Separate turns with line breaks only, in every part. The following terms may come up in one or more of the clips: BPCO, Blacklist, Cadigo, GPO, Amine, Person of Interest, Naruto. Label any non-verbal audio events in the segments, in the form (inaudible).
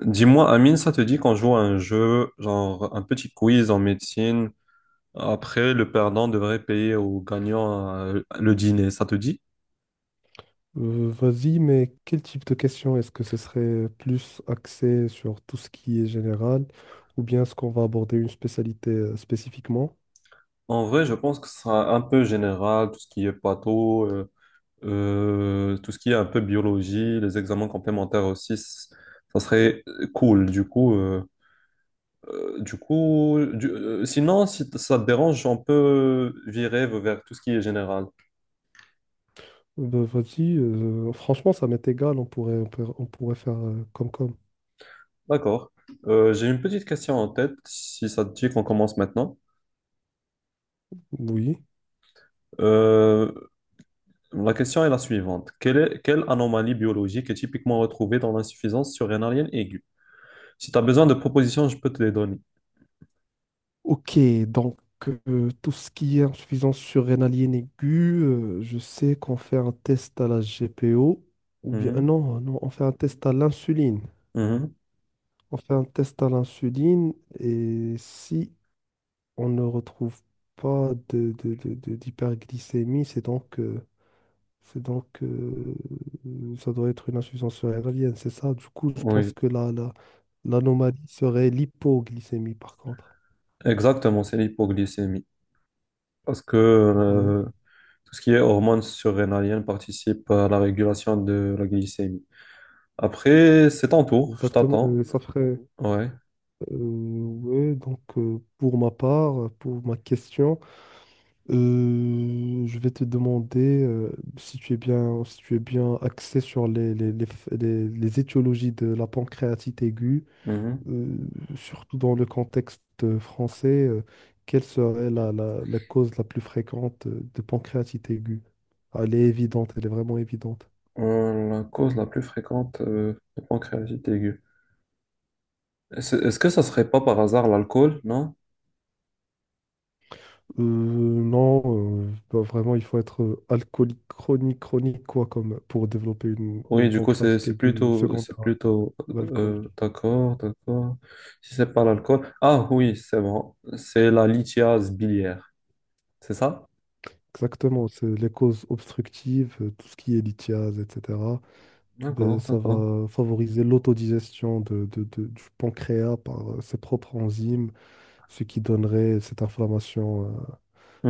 Dis-moi, Amine, ça te dit qu'on joue à un jeu, genre un petit quiz en médecine? Après, le perdant devrait payer au gagnant le dîner. Ça te dit?
Vas-y, mais quel type de question? Est-ce que ce serait plus axé sur tout ce qui est général ou bien est-ce qu'on va aborder une spécialité spécifiquement?
En vrai, je pense que ce sera un peu général, tout ce qui est patho, tout ce qui est un peu biologie, les examens complémentaires aussi. Ça serait cool. Du coup, du coup, du- sinon, si ça te dérange, on peut virer vers tout ce qui est général.
Vas-y, franchement, ça m'est égal, on pourrait, on pourrait, on pourrait faire comme comme.
D'accord. J'ai une petite question en tête, si ça te dit qu'on commence maintenant.
Oui.
Euh, la question est la suivante. Quelle anomalie biologique est typiquement retrouvée dans l'insuffisance surrénalienne aiguë? Si tu as besoin de propositions, je peux te les donner.
Ok, donc tout ce qui est insuffisance surrénalienne aiguë, je sais qu'on fait un test à la GPO, ou bien
Mhm,
non, non, on fait un test à l'insuline.
mhm.
On fait un test à l'insuline et si on ne retrouve pas d'hyperglycémie, c'est donc ça doit être une insuffisance cérébralienne, c'est ça. Du coup, je pense
Oui,
que l'anomalie serait l'hypoglycémie, par contre.
exactement, c'est l'hypoglycémie. Parce que
Ouais,
tout ce qui est hormones surrénaliennes participe à la régulation de la glycémie. Après, c'est ton tour, je
exactement.
t'attends.
Ça ferait.
Ouais.
Ouais, donc, Pour ma part, pour ma question, je vais te demander si tu es bien, si tu es bien axé sur les étiologies de la pancréatite aiguë.
Mhm.
euh, Surtout dans le contexte français, quelle serait la cause la plus fréquente de pancréatite aiguë? Ah, elle est évidente, elle est vraiment évidente.
La cause la plus fréquente de pancréatite aiguë. Est-ce que ça serait pas par hasard l'alcool, non?
Non, vraiment, il faut être alcoolique chronique, chronique, quoi, comme pour développer
Oui,
une
du coup, c'est
pancréatite
c'est
aiguë
plutôt,
secondaire
c'est plutôt,
à l'alcool.
d'accord, d'accord. Si c'est pas l'alcool. Ah oui, c'est bon. C'est la lithiase biliaire, c'est ça?
Exactement, c'est les causes obstructives, tout ce qui est lithiase, etc. Ben,
D'accord,
ça
d'accord.
va favoriser l'autodigestion du pancréas par ses propres enzymes. Ce qui donnerait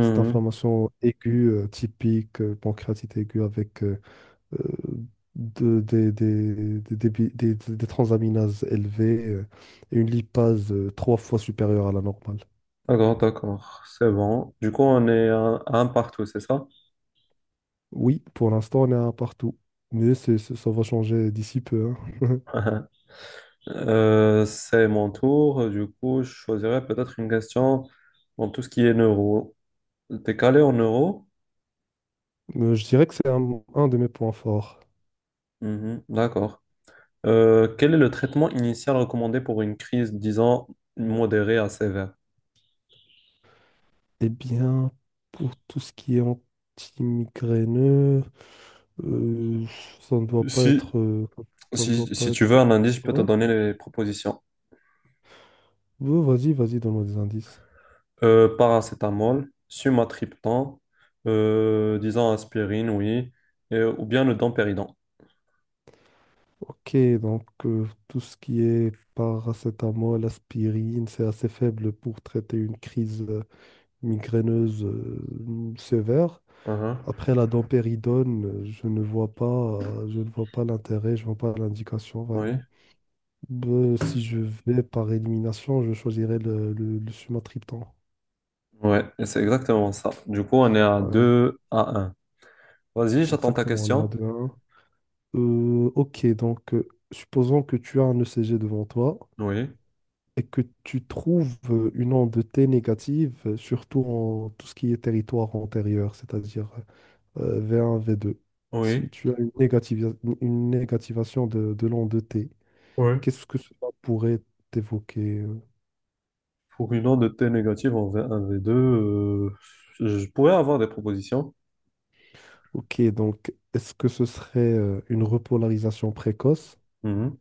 cette inflammation aiguë, typique, pancréatite aiguë avec euh, de- des, débi- des transaminases élevées et une lipase trois fois supérieure à la normale.
D'accord, d'accord. C'est bon. Du coup, on est un partout, c'est ça?
Oui, pour l'instant, on est à un partout, mais ça va changer d'ici peu, hein.
(laughs) C'est mon tour. Du coup, je choisirais peut-être une question dans tout ce qui est neuro. T'es calé en neuro?
Je dirais que c'est un de mes points forts.
Mhm, d'accord. Quel est le traitement initial recommandé pour une crise, disons, modérée à sévère?
Eh bien, pour tout ce qui est anti-migraineux, Euh, ça ne doit pas
Si,
être. Ça ne doit
si,
pas
si tu veux
être.
un indice, je peux te
Ouais.
donner les propositions.
Ouais, vas-y, vas-y, donne-moi des indices.
Paracétamol, sumatriptan, disons aspirine, oui, ou bien le dompéridon.
Ok, donc tout ce qui est paracétamol, aspirine, c'est assez faible pour traiter une crise migraineuse sévère.
Uhum,
Après la dompéridone, je ne vois pas, je ne vois pas l'intérêt, je ne vois pas l'indication
oui,
vraiment. Ben, si je vais par élimination, je choisirais le sumatriptan.
ouais, et c'est exactement ça. Du coup, on est à
Ouais,
2 à un. Vas-y, j'attends ta
exactement, on est à
question.
2. Ok, donc supposons que tu as un ECG devant toi
Oui,
et que tu trouves une onde T négative, surtout en tout ce qui est territoire antérieur, c'est-à-dire V1, V2.
oui,
Si tu as une une négativation de l'onde T,
oui.
qu'est-ce que cela pourrait t'évoquer?
Pour une onde de T négative en V1, V2, je pourrais avoir des propositions.
Ok, donc est-ce que ce serait une repolarisation précoce
Mhm,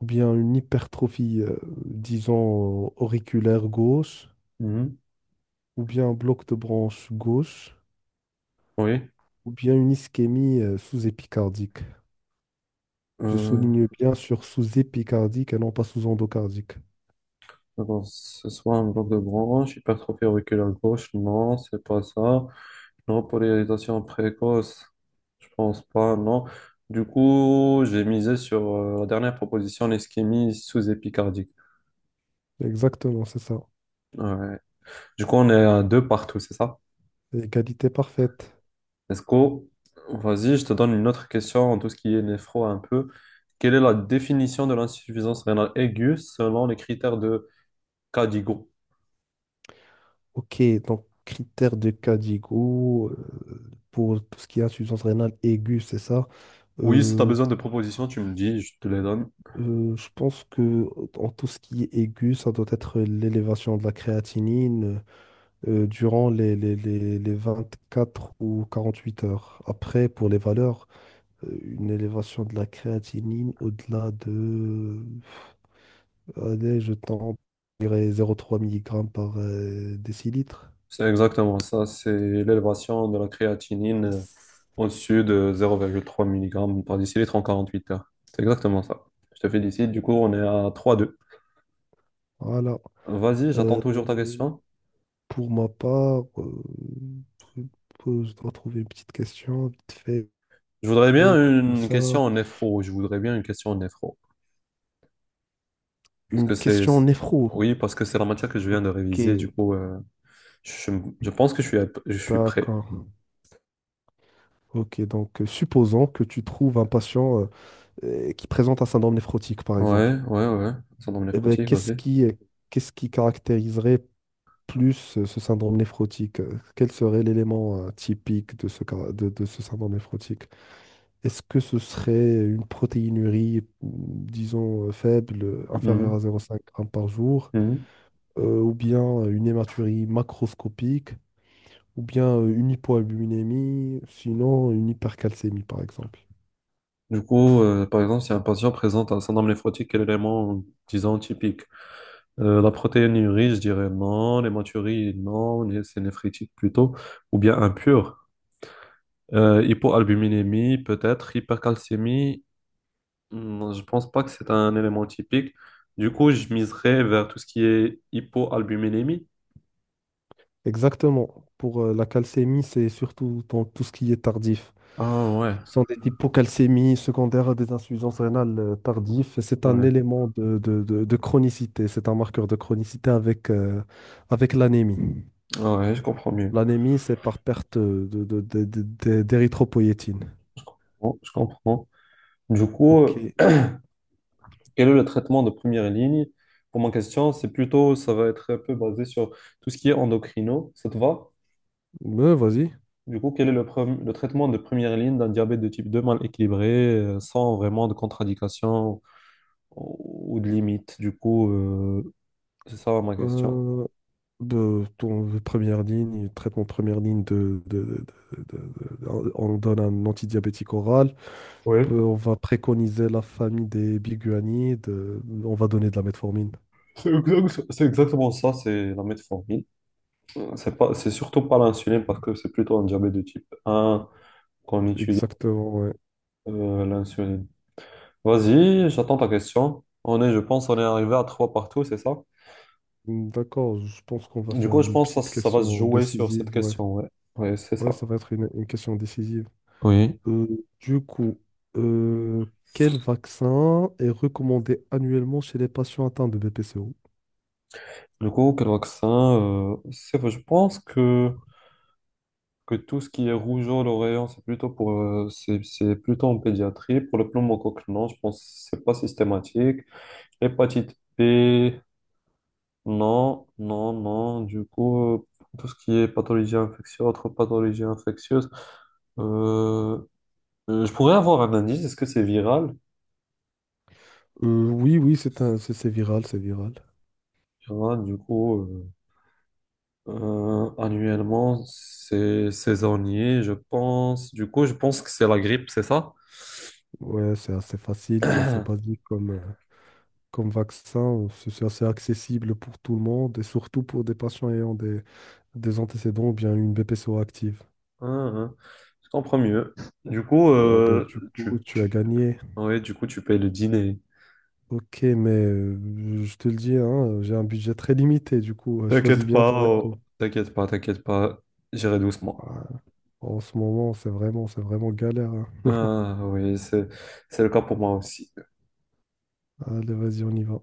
ou bien une hypertrophie, disons, auriculaire gauche
mhm,
ou bien un bloc de branche gauche?
oui.
Ou bien une ischémie sous-épicardique. Je
Euh,
souligne bien sur sous-épicardique et non pas sous-endocardique.
alors, ce soit un bloc de branche, hypertrophie auriculaire gauche, non, c'est pas ça. Non, polarisation précoce, je pense pas, non. Du coup, j'ai misé sur la dernière proposition, l'ischémie sous-épicardique.
Exactement, c'est ça.
Ouais. Du coup, on est à deux partout, c'est ça?
Égalité parfaite.
Est-ce que, vas-y, je te donne une autre question en tout ce qui est néphro un peu. Quelle est la définition de l'insuffisance rénale aiguë selon les critères de Cadigo?
Ok, donc critère de Cadigo pour tout ce qui est insuffisance rénale aiguë, c'est ça.
Oui, si tu as
Euh,
besoin de propositions, tu me dis, je te les donne.
je pense que en tout ce qui est aigu, ça doit être l'élévation de la créatinine durant les 24 ou 48 heures. Après, pour les valeurs, une élévation de la créatinine au-delà de, allez, je tente, je dirais 0,3 mg par décilitre.
C'est exactement ça, c'est l'élévation de la créatinine
Yes.
au-dessus de zéro virgule trois mg par décilitre en 48 heures. C'est exactement ça. Je te félicite, du coup on est à trois deux.
Voilà.
Vas-y, j'attends
Euh,
toujours ta question.
pour ma part, je je dois trouver une petite question vite fait,
Je voudrais bien
comme
une question
ça.
en néphro, je voudrais bien une question en néphro. Parce
Une
que c'est...
question
c'est-
néphro.
Oui, parce que c'est la matière que je viens de réviser,
Ok,
du coup je, je pense que je suis, je suis prêt.
d'accord. Ok, donc supposons que tu trouves un patient qui présente un syndrome néphrotique, par
Ouais,
exemple.
ouais, ouais. Syndrome
Eh ben,
néphrotique, vas-y.
qu'est-ce qui caractériserait plus ce syndrome néphrotique, quel serait l'élément typique de de ce syndrome néphrotique? Est-ce que ce serait une protéinurie, disons, faible, inférieure
Mhm,
à 0,5 g par jour,
mhm.
ou bien une hématurie macroscopique, ou bien une hypoalbuminémie, sinon une hypercalcémie, par exemple?
Du coup, par exemple, si un patient présente un syndrome néphrotique, quel élément, disons, typique? La protéinurie, je dirais non. L'hématurie, non. C'est néphritique plutôt. Ou bien impur. Hypoalbuminémie, peut-être. Hypercalcémie, hmm, je pense pas que c'est un élément typique. Du coup, je miserais vers tout ce qui est hypoalbuminémie.
Exactement. Pour la calcémie, c'est surtout dans tout ce qui est tardif.
Ah ouais,
Sont des hypocalcémies secondaires à des insuffisances rénales tardives. Et c'est un
ouais,
élément de chronicité, c'est un marqueur de chronicité avec, avec l'anémie.
ouais, je comprends mieux.
L'anémie, c'est par perte d'érythropoïétine.
Bon, je comprends. Du coup,
Ok.
quel est le traitement de première ligne? Pour ma question, c'est plutôt, ça va être un peu basé sur tout ce qui est endocrino. Ça te va?
Mais vas-y.
Du coup, quel est le, le traitement de première ligne d'un diabète de type 2 mal équilibré, sans vraiment de contradiction ou de limite? Du coup, c'est ça ma question.
Euh, de ton première ligne, traitement de première ligne de- on donne un antidiabétique oral.
Oui.
On va préconiser la famille des biguanides. On va donner de la metformine.
C'est exactement ça, c'est la metformine. C'est surtout pas l'insuline parce que c'est plutôt un diabète de type un qu'on utilise
Exactement, ouais.
l'insuline. Vas-y, j'attends ta question. On est, je pense, on est arrivé à trois partout, c'est ça?
D'accord, je pense qu'on va
Du
faire
coup, je
une
pense que ça,
petite
ça va se
question
jouer sur cette
décisive, ouais.
question, ouais. Ouais, c'est
Ouais,
ça.
ça va être une question décisive.
Oui.
Euh, du coup, euh, quel vaccin est recommandé annuellement chez les patients atteints de BPCO?
Du coup, quel vaccin? C'est- je pense que tout ce qui est rougeole aux rayons, c'est plutôt pour, c'est plutôt en pédiatrie. Pour le pneumocoque, non, je pense que c'est pas systématique. Hépatite B, non, non, non. Du coup, tout ce qui est pathologie infectieuse, autre pathologie infectieuse. euh, je pourrais avoir un indice, est-ce que c'est viral?
Oui, oui, c'est viral, c'est viral.
Il y en a, annuellement, c'est saisonnier, je pense. Du coup, je pense que c'est la grippe, c'est ça?
Ouais, c'est assez facile, c'est assez basique comme, comme vaccin. C'est assez accessible pour tout le monde et surtout pour des patients ayant des antécédents ou bien une BPCO active.
Hein, hein. Je comprends mieux. Du coup,
Bah, bah, du coup, tu as
tu...
gagné.
Ouais, du coup, tu payes le dîner.
Ok, mais je te le dis, hein, j'ai un budget très limité, du coup, choisis
T'inquiète
bien ton
pas,
resto.
oh, t'inquiète pas, t'inquiète pas, j'irai doucement.
Ouais, en ce moment, c'est vraiment galère, hein.
Ah oui, c'est le cas pour moi aussi.
Allez, vas-y, on y va.